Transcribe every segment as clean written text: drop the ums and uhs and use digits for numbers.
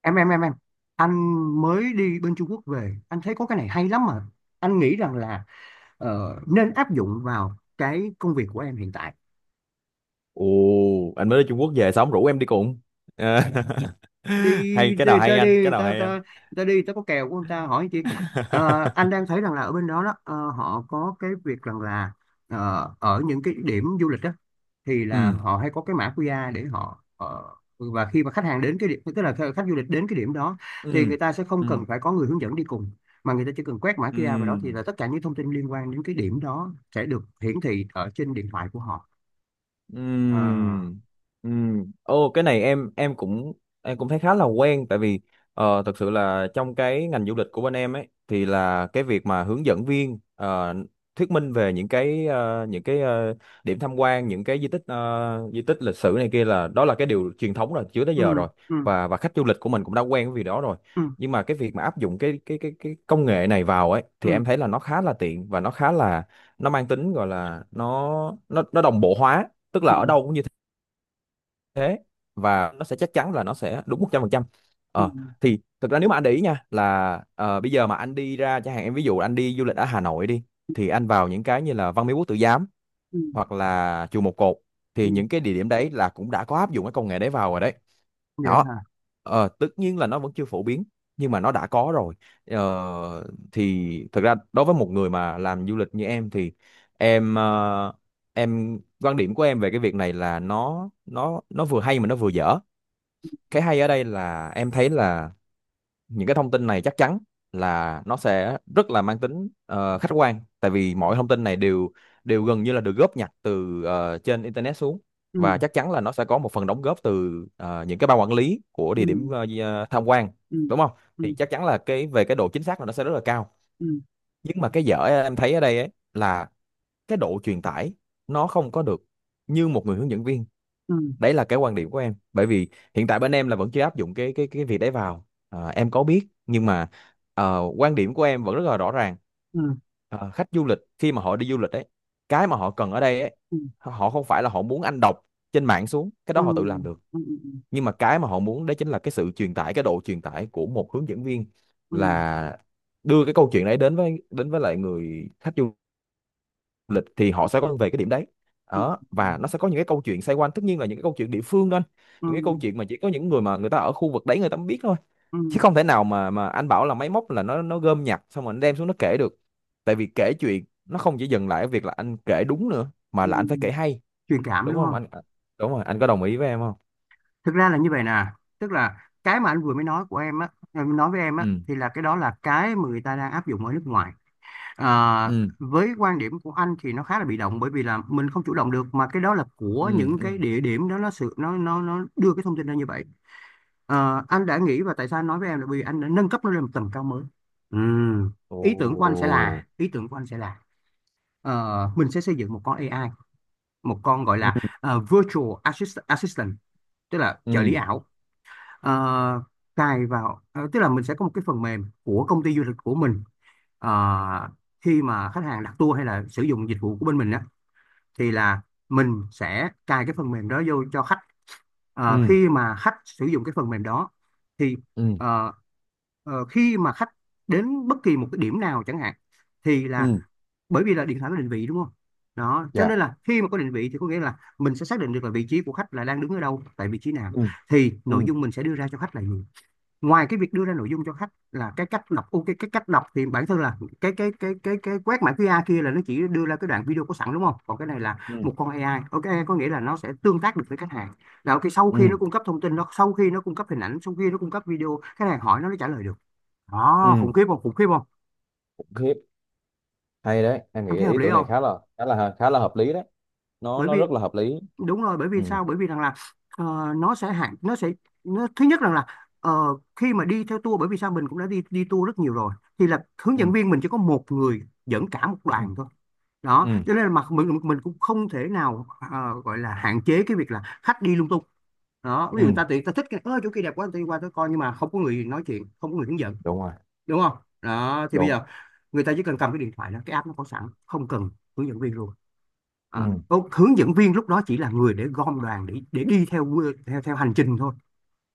em em em em anh mới đi bên Trung Quốc về, anh thấy có cái này hay lắm mà. Anh nghĩ rằng là nên áp dụng vào cái công việc của em hiện tại. Ồ, anh mới đi Trung Quốc về xong rủ em đi cùng. À, Đi, hay cái nào hay anh, đi cái người nào ta, hay ta anh. người ta đi, người ta có kèo của người ta, hỏi chị. Anh đang thấy rằng là ở bên đó đó, họ có cái việc rằng là ở những cái điểm du lịch đó thì là ừ họ hay có cái mã QR để họ, và khi mà khách hàng đến cái điểm, tức là khách khách du lịch đến cái điểm đó, thì ừ người ta sẽ không ừ cần phải có người hướng dẫn đi cùng, mà người ta chỉ cần quét mã ừ QR vào đó thì là tất cả những thông tin liên quan đến cái điểm đó sẽ được hiển thị ở trên điện thoại của họ. À, Ừm, ừm. Ô cái này em cũng em cũng thấy khá là quen tại vì thực sự là trong cái ngành du lịch của bên em ấy thì là cái việc mà hướng dẫn viên thuyết minh về điểm tham quan những cái di tích di tích lịch sử này kia là đó là cái điều truyền thống rồi trước tới ừ, giờ rồi, ừ, và khách du lịch của mình cũng đã quen với việc đó rồi. ừ, Nhưng mà cái việc mà áp dụng cái công nghệ này vào ấy ừ, thì em thấy là nó khá là tiện và nó khá là nó mang tính, gọi là nó nó đồng bộ hóa, tức là ừ, ở ừ, đâu cũng như thế, và nó sẽ chắc chắn là nó sẽ đúng 100%. ừ, ờ ừ, thì thực ra nếu mà anh để ý nha, là bây giờ mà anh đi ra chẳng hạn, em ví dụ anh đi du lịch ở Hà Nội đi, thì anh vào những cái như là Văn Miếu Quốc Tử Giám ừ. hoặc là chùa Một Cột, Ừ, thì ừ. những cái địa điểm đấy là cũng đã có áp dụng cái công nghệ đấy vào rồi đấy. Đó, Dạ. Tất nhiên là nó vẫn chưa phổ biến nhưng mà nó đã có rồi. ờ, thì thực ra đối với một người mà làm du lịch như em thì em ờ, em quan điểm của em về cái việc này là nó nó vừa hay mà nó vừa dở. Cái hay ở đây là em thấy là những cái thông tin này chắc chắn là nó sẽ rất là mang tính khách quan, tại vì Ừm, mọi thông tin này đều đều gần như là được góp nhặt từ trên internet xuống, và chắc chắn là nó sẽ có một phần đóng góp từ những cái ban quản lý của địa điểm ừm, tham quan, ừm, đúng không? ừm, Thì chắc chắn là cái về cái độ chính xác là nó sẽ rất là cao. ừm, Nhưng mà cái dở em thấy ở đây ấy là cái độ truyền tải nó không có được như một người hướng dẫn viên. ừm, Đấy là cái quan điểm của em, bởi vì hiện tại bên em là vẫn chưa áp dụng cái việc đấy vào. Ờ, em có biết, nhưng mà quan điểm của em vẫn rất là rõ ràng. ừm, Ờ, khách du lịch khi mà họ đi du lịch ấy, cái mà họ cần ở đây ấy, ừm, họ không phải là họ muốn anh đọc trên mạng xuống, cái đó họ tự làm ừm, được. ừm, ừm, Nhưng mà cái mà họ muốn đấy chính là cái sự truyền tải, cái độ truyền tải của một hướng dẫn viên, ừm, là đưa cái câu chuyện đấy đến với lại người khách du lịch, thì họ sẽ quay về cái điểm đấy. Đó, và nó sẽ có những cái câu chuyện xoay quanh, tất nhiên là những cái câu chuyện địa phương đó anh. Những cái câu ừm, chuyện mà chỉ có những người mà người ta ở khu vực đấy người ta mới biết thôi, ừm, chứ không thể nào mà anh bảo là máy móc là nó gom nhặt xong rồi nó đem xuống nó kể được. Tại vì kể chuyện nó không chỉ dừng lại ở việc là anh kể đúng nữa, mà là anh phải kể ừm. hay, Truyền cảm đúng đúng không không? anh à, đúng rồi, anh có đồng ý với em không? Thực ra là như vậy nè, tức là cái mà anh vừa mới nói của em á, em nói với em á, Ừ thì là cái đó là cái mà người ta đang áp dụng ở nước ngoài. À, ừ với quan điểm của anh thì nó khá là bị động, bởi vì là mình không chủ động được, mà cái đó là của ừ những ừ cái địa điểm đó, nó sự nó đưa cái thông tin ra như vậy. Ờ, anh đã nghĩ, và tại sao anh nói với em là bởi vì anh đã nâng cấp nó lên một tầm cao mới. Ừm, ồ ý tưởng của anh sẽ là mình sẽ xây dựng một con AI, một con gọi ừ là virtual assistant, tức là trợ lý ừ ảo. Ờ, Cài vào tức là mình sẽ có một cái phần mềm của công ty du lịch của mình. Ờ, Khi mà khách hàng đặt tour hay là sử dụng dịch vụ của bên mình thì là mình sẽ cài cái phần mềm đó vô cho khách. Ờ, ừ khi mà khách sử dụng cái phần mềm đó thì ừ ờ, khi mà khách đến bất kỳ một cái điểm nào chẳng hạn, thì là ừ bởi vì là điện thoại có định vị đúng không, đó cho dạ nên là khi mà có định vị thì có nghĩa là mình sẽ xác định được là vị trí của khách là đang đứng ở đâu, tại vị trí nào, ừ thì nội ừ dung mình sẽ đưa ra cho khách là gì. Ngoài cái việc đưa ra nội dung cho khách là cái cách đọc, ok, cái cách đọc thì bản thân là cái quét mã QR kia là nó chỉ đưa ra cái đoạn video có sẵn đúng không, còn cái này là ừ một con AI, ok, có nghĩa là nó sẽ tương tác được với khách hàng, là ok, sau ừ khi nó cung cấp thông tin, sau khi nó cung cấp hình ảnh, sau khi nó cung cấp video, khách hàng hỏi nó trả lời được. Đó, ừ. khủng khiếp không, khủng khiếp không? Ok. Hay đấy, em Em nghĩ thấy hợp ý lý tưởng này không? Khá là hợp lý đấy. nó Bởi nó vì rất là hợp lý. đúng rồi, bởi Ừ vì sao, bởi vì rằng là ờ, nó sẽ hạn nó sẽ nó thứ nhất rằng là ờ, khi mà đi theo tour, bởi vì sao mình cũng đã đi đi tour rất nhiều rồi, thì là hướng ừ dẫn viên mình chỉ có một người dẫn cả một ừ đoàn thôi, đó ừ cho nên là mặt mình cũng không thể nào gọi là hạn chế cái việc là khách đi lung tung. Đó, ví dụ người ừ ta tự, người ta thích cái, ơ, chỗ kia đẹp quá, tôi đi qua tôi coi, nhưng mà không có người nói chuyện, không có người hướng dẫn, đúng rồi đúng không. Đó thì bây đúng giờ người ta chỉ cần cầm cái điện thoại đó, cái app nó có sẵn, không cần hướng dẫn viên luôn. ừ À, hướng dẫn viên lúc đó chỉ là người để gom đoàn, để đi theo theo theo hành trình thôi,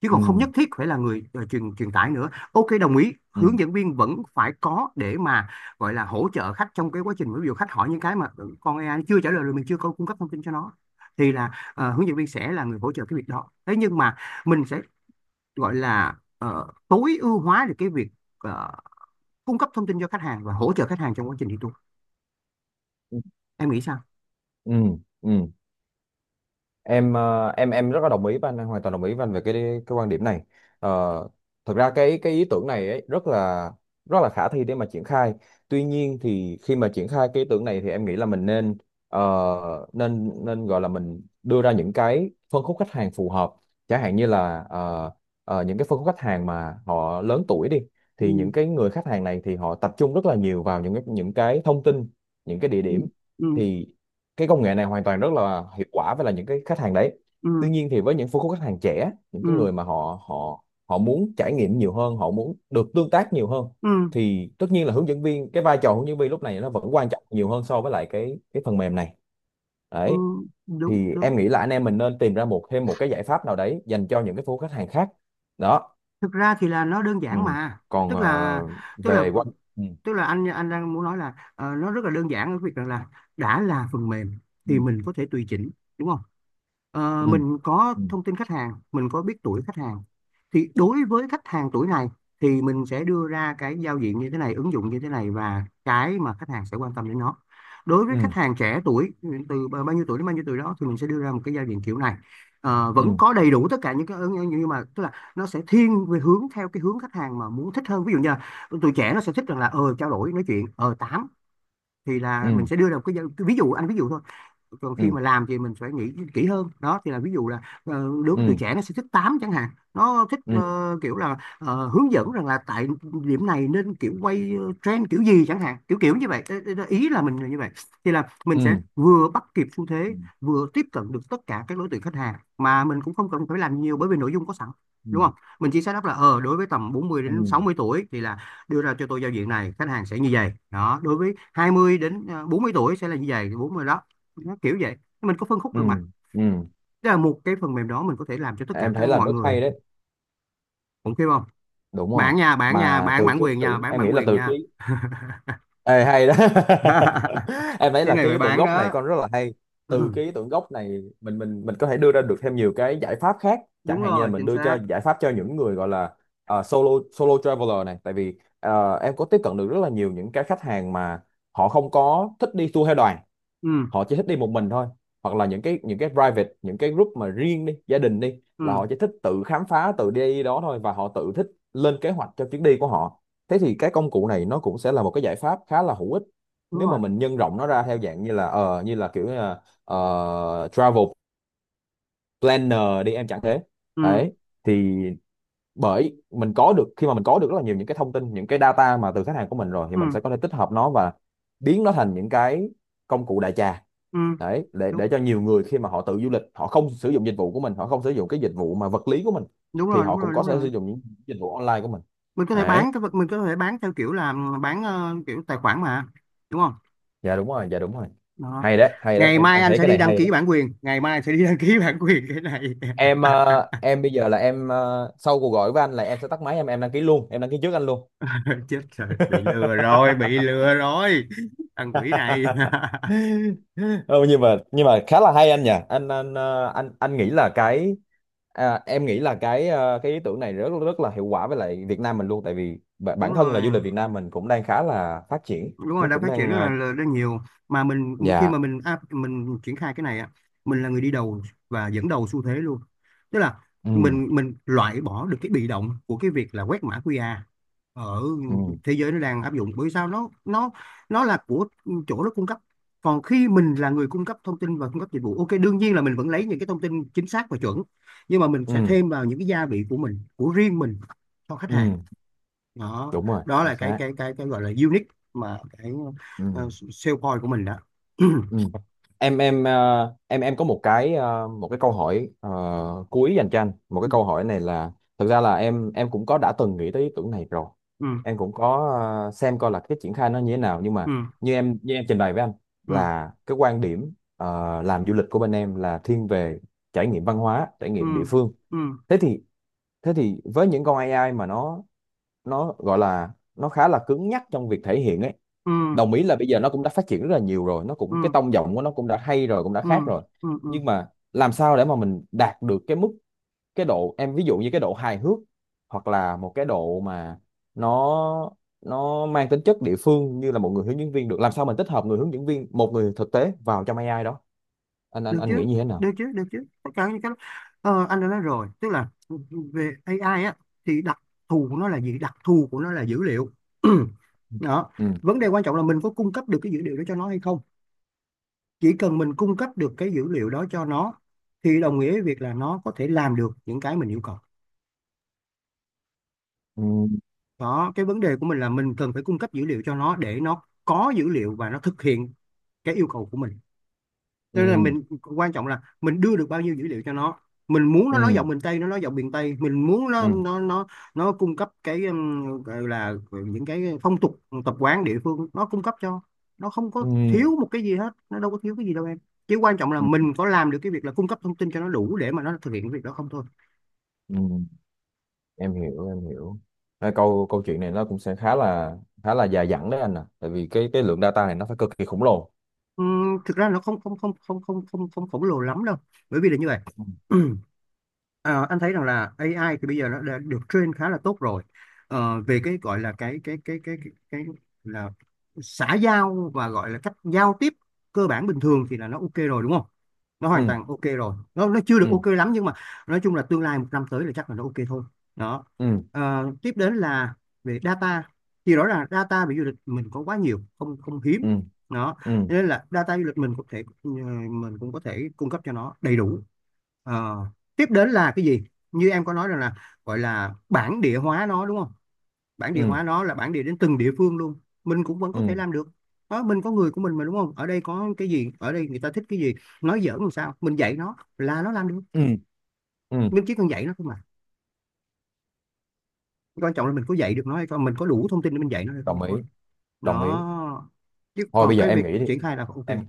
chứ ừ còn không nhất thiết phải là người truyền truyền tải nữa. Ok, đồng ý, ừ hướng dẫn viên vẫn phải có để mà gọi là hỗ trợ khách trong cái quá trình, ví dụ khách hỏi những cái mà ừ, con AI nó chưa trả lời, rồi mình chưa có cung cấp thông tin cho nó, thì là hướng dẫn viên sẽ là người hỗ trợ cái việc đó. Thế nhưng mà mình sẽ gọi là tối ưu hóa được cái việc ờ, cung cấp thông tin cho khách hàng và hỗ trợ khách hàng trong quá trình đi tour. ừ Em nghĩ sao? ừ ừ em rất là đồng ý với anh hoàn toàn đồng ý với anh về cái quan điểm này. Ờ, thật ra cái ý tưởng này ấy, rất là khả thi để mà triển khai. Tuy nhiên thì khi mà triển khai cái ý tưởng này thì em nghĩ là mình nên ờ, nên nên gọi là mình đưa ra những cái phân khúc khách hàng phù hợp. Chẳng hạn như là những cái phân khúc khách hàng mà họ lớn tuổi đi, thì Ừ, những cái người khách hàng này thì họ tập trung rất là nhiều vào những cái thông tin, những cái địa ừ, điểm, ừ, thì cái công nghệ này hoàn toàn rất là hiệu quả với là những cái khách hàng đấy. Tuy ừ, nhiên thì với những phân khúc khách hàng trẻ, những cái ừ, người mà họ họ họ muốn trải nghiệm nhiều hơn, họ muốn được tương tác nhiều hơn, ừ. thì tất nhiên là hướng dẫn viên, cái vai trò hướng dẫn viên lúc này nó vẫn quan trọng nhiều hơn so với lại cái phần mềm này. Ừ, Đấy, đúng thì đúng. em nghĩ là anh em mình nên tìm ra một thêm một cái giải pháp nào đấy dành cho những cái phố khách hàng khác. Đó Thực ra thì là nó đơn ừ. giản mà, Còn tức là tức là về quanh ừ. tức là anh đang muốn nói là nó rất là đơn giản ở việc rằng là đã là phần mềm Ừ. thì mình có thể tùy chỉnh, đúng không. Ờ, Ừ. mình có Ừ. thông tin khách hàng, mình có biết tuổi khách hàng, thì đối với khách hàng tuổi này thì mình sẽ đưa ra cái giao diện như thế này, ứng dụng như thế này, và cái mà khách hàng sẽ quan tâm đến nó. Đối với Ừ. khách hàng trẻ tuổi, từ bao nhiêu tuổi đến bao nhiêu tuổi đó, thì mình sẽ đưa ra một cái giao diện kiểu này. Ờ, vẫn Ừ. có đầy đủ tất cả những cái ứng-, nhưng mà tức là nó sẽ thiên về hướng theo cái hướng khách hàng mà muốn, thích hơn, ví dụ như là tụi trẻ nó sẽ thích rằng là ờ trao đổi nói chuyện ờ tám, thì là mình Ừ. sẽ đưa ra một cái, ví dụ anh ví dụ thôi, còn khi Ừ. mà làm thì mình phải nghĩ kỹ hơn. Đó thì là ví dụ là đối với tuổi Ừ. trẻ nó sẽ thích tám chẳng hạn, nó thích Ừ. Kiểu là hướng dẫn rằng là tại điểm này nên kiểu quay trend kiểu gì chẳng hạn, kiểu kiểu như vậy. Ê, ê, ý là mình là như vậy, thì là mình sẽ Ừ. vừa bắt kịp xu thế, vừa tiếp cận được tất cả các đối tượng khách hàng, mà mình cũng không cần phải làm nhiều bởi vì nội dung có sẵn, Ừ. đúng không. Mình chỉ xác đáp là ờ đối với tầm 40 Ừ, đến 60 tuổi thì là đưa ra cho tôi giao diện này, khách hàng sẽ như vậy. Đó, đối với 20 đến à, 40 tuổi sẽ là như vậy, 40 đó, nó kiểu vậy, mình có phân khúc ừ, được mà. ừ. Tức là một cái phần mềm đó mình có thể làm cho tất cả Em các thấy là mọi rất người, hay đấy. cũng kêu không. Đúng rồi. Bạn nha, bạn nha, Mà bạn từ bản cái ý quyền nha, tưởng bạn em nghĩ bản là quyền từ cái nha. Ê, hay đó. Em thấy Cái là này cái phải ý tưởng bán gốc này đó. con rất là hay. Từ Ừ, cái ý tưởng gốc này mình có thể đưa ra được thêm nhiều cái giải pháp khác. Chẳng đúng hạn như là rồi, mình chính đưa xác. cho giải pháp cho những người gọi là solo solo traveler này. Tại vì em có tiếp cận được rất là nhiều những cái khách hàng mà họ không có thích đi tour theo đoàn, Ừ, họ chỉ thích đi một mình thôi, hoặc là những cái private, những cái group mà riêng đi gia đình đi là ừ, họ chỉ thích tự khám phá tự đi đó thôi, và họ tự thích lên kế hoạch cho chuyến đi của họ. Thế thì cái công cụ này nó cũng sẽ là một cái giải pháp khá là hữu ích đúng nếu mà rồi, mình nhân rộng nó ra theo dạng như là ờ như là kiểu như là, ờ, travel planner đi em chẳng thế. ừ, Đấy thì bởi mình có được, khi mà mình có được rất là nhiều những cái thông tin, những cái data mà từ khách hàng của mình rồi, thì ừ, mình sẽ có thể tích hợp nó và biến nó thành những cái công cụ đại trà. ừ, Đấy, đúng, để cho nhiều người khi mà họ tự du lịch, họ không sử dụng dịch vụ của mình, họ không sử dụng cái dịch vụ mà vật lý của mình, đúng thì rồi, họ đúng cũng rồi, có đúng thể sử rồi. dụng những dịch vụ online của mình. Mình có thể Đấy, bán cái vật, mình có thể bán theo kiểu là bán kiểu tài khoản mà, đúng không. Dạ đúng rồi. Đó, Hay đấy, ngày mai em anh thấy sẽ cái đi này đăng hay ký đấy. bản quyền, ngày mai anh sẽ đi đăng ký bản quyền cái này. em ờ, em bây giờ là sau cuộc gọi với anh là em sẽ tắt máy, em đăng ký luôn, em đăng ký trước anh luôn. Chết rồi, bị lừa rồi, bị lừa rồi, thằng quỷ này. Ờ, nhưng mà khá là hay anh nhỉ, anh ờ, anh nghĩ là cái à, em nghĩ là cái cái ý tưởng này rất rất là hiệu quả với lại Việt Nam mình luôn, tại vì Đúng bản thân là rồi, du lịch Việt Nam mình cũng đang khá là phát triển, đúng rồi nó đang cũng phát triển đang rất là, là rất nhiều, mà mình khi dạ mà mình triển khai cái này á, mình là người đi đầu và dẫn đầu xu thế luôn. Tức là ừ mình loại bỏ được cái bị động của cái việc là quét mã QR ở ừ thế giới nó đang áp dụng, bởi sao, nó nó là của chỗ nó cung cấp. Còn khi mình là người cung cấp thông tin và cung cấp dịch vụ, ok, đương nhiên là mình vẫn lấy những cái thông tin chính xác và chuẩn, nhưng mà mình ừ sẽ thêm vào những cái gia vị của mình, của riêng mình cho khách ừ hàng. Đó, đúng rồi đó chính là cái xác cái cái cái gọi là unique, mà cái ừ sale point của mình đó. Ừ. Em có một cái một cái câu hỏi cuối dành cho anh. Một cái Ừ, câu hỏi này là thực ra là em cũng có đã từng nghĩ tới ý tưởng này rồi. ừ, Em cũng có xem coi là cái triển khai nó như thế nào, nhưng ừ, mà như em trình bày với anh là cái quan điểm làm du lịch của bên em là thiên về trải nghiệm văn hóa, trải ừ, nghiệm địa phương. ừ, Thế thì với những con AI mà nó gọi là nó khá là cứng nhắc trong việc thể hiện ấy. ừ, ừ, Đồng ý là bây giờ nó cũng đã phát triển rất là nhiều rồi, nó ừ, cũng cái tông giọng của nó cũng đã hay rồi, cũng đã ừ, khác rồi. ừ, ừ. Nhưng mà làm sao để mà mình đạt được cái mức, cái độ, em ví dụ như cái độ hài hước, hoặc là một cái độ mà nó nó mang tính chất địa phương như là một người hướng dẫn viên được, làm sao mình tích hợp người hướng dẫn viên, một người thực tế vào trong AI đó, được anh chứ nghĩ như thế được nào? chứ được chứ, tất cả những cái đó. Anh đã nói rồi, tức là về AI á thì đặc thù của nó là gì? Đặc thù của nó là dữ liệu. Đó, Ừ vấn đề quan trọng là mình có cung cấp được cái dữ liệu đó cho nó hay không. Chỉ cần mình cung cấp được cái dữ liệu đó cho nó thì đồng nghĩa với việc là nó có thể làm được những cái mình yêu cầu. ừ Đó, cái vấn đề của mình là mình cần phải cung cấp dữ liệu cho nó để nó có dữ liệu và nó thực hiện cái yêu cầu của mình. Tức là ừ mình, quan trọng là mình đưa được bao nhiêu dữ liệu cho nó. Mình muốn nó nói ừ giọng miền Tây, nó nói giọng miền Tây. Mình muốn ừ nó nó cung cấp cái gọi là những cái phong tục tập quán địa phương, nó cung cấp cho nó, không có thiếu ừ một cái gì hết, nó đâu có thiếu cái gì đâu em. Chỉ quan trọng là ừ, mình có làm được cái việc là cung cấp thông tin cho nó đủ để mà nó thực hiện cái việc đó không thôi. ừ. Em hiểu. À, câu câu chuyện này nó cũng sẽ khá là dài dẳng đấy anh à, tại vì cái lượng data này nó phải cực kỳ khổng lồ. Thực ra nó không không không không không không không khổng lồ lắm đâu, bởi vì là như vậy. Ờ, anh thấy rằng là AI thì bây giờ nó đã được train khá là tốt rồi. Về cái gọi là cái là xã giao và gọi là cách giao tiếp cơ bản bình thường thì là nó ok rồi, đúng không? Nó Ừ hoàn toàn ok rồi, nó chưa ừ được ok lắm nhưng mà nói chung là tương lai một năm tới là chắc là nó ok thôi. Đó. ừ Tiếp đến là về data, thì rõ ràng data về du lịch mình có quá nhiều, không không hiếm. ừ Đó, ừ nên là data du lịch mình cũng thể mình cũng có thể cung cấp cho nó đầy đủ. Ờ, Tiếp đến là cái gì, như em có nói rằng là gọi là bản địa hóa nó đúng không? Bản địa ừ hóa nó là bản địa đến từng địa phương luôn, mình cũng vẫn ừ có thể ừ làm được. Đó, mình có người của mình mà, đúng không? Ở đây có cái gì, ở đây người ta thích cái gì, nói giỡn làm sao, mình dạy nó là nó làm được. ừ ừ. Mình chỉ cần dạy nó thôi mà, quan trọng là mình có dạy được nó hay không, mình có đủ thông tin để mình dạy nó hay không Đồng ý, thôi. đồng ý. Đó, chứ Thôi còn bây giờ cái em việc nghĩ đi, triển khai là ok. em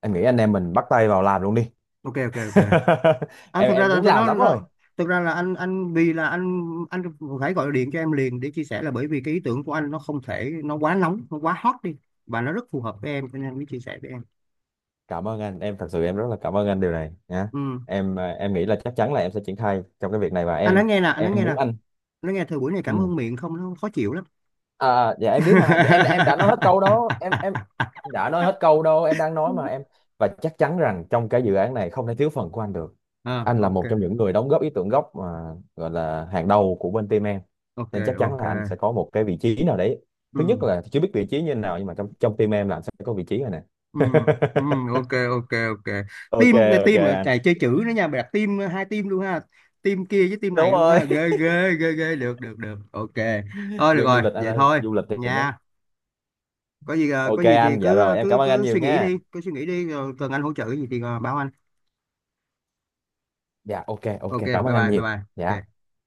em nghĩ anh em mình bắt tay vào làm luôn đi. Ok, ok, ok. Anh em thực ra em là anh muốn thấy làm nó lắm rồi. nó thực ra là anh vì là anh phải gọi điện cho em liền để chia sẻ, là bởi vì cái ý tưởng của anh nó không thể, nó quá nóng, nó quá hot đi, và nó rất phù hợp với em cho nên anh mới chia sẻ với em. Cảm ơn anh, em thật sự em rất là cảm ơn anh điều này nhá. Ừ. Em nghĩ là chắc chắn là em sẽ triển khai trong cái việc này, và Anh nói nghe nè, anh nói em nghe nè, muốn anh nói nghe, thời buổi này cảm ừ. ơn miệng không nó khó chịu lắm. À, dạ em biết mà, em đã nói hết câu đó em đã nói hết câu đâu, em đang nói mà em. Và chắc chắn rằng trong cái dự án này không thể thiếu phần của anh được, À, anh là một ok, trong những người đóng góp ý tưởng gốc mà gọi là hàng đầu của bên team em, ok, nên chắc chắn ok. là anh sẽ có một cái vị trí nào đấy. Thứ nhất Ừ. là chưa biết vị trí như thế nào, nhưng mà trong trong team em là anh sẽ có vị trí rồi nè. Ừ, ừ. Ok, ok, ok. Ok, Team này ok team ở anh. chạy chơi chữ nữa nha, mày đặt team hai team luôn ha, team kia với team Đúng này luôn rồi. ha. Ghê ghê ghê ghê, được được được, ok. Thôi được Dân rồi du lịch anh vậy ơi, thôi du lịch thì nó nha. Có gì có ok gì thì anh. Dạ cứ rồi, em cứ cảm ơn anh cứ nhiều suy nghĩ nha. đi, cứ suy nghĩ đi, rồi cần anh hỗ trợ cái gì thì báo anh. Dạ ok, ok, Ok, cảm bye ơn anh bye, bye nhiều. bye. Dạ. Ok.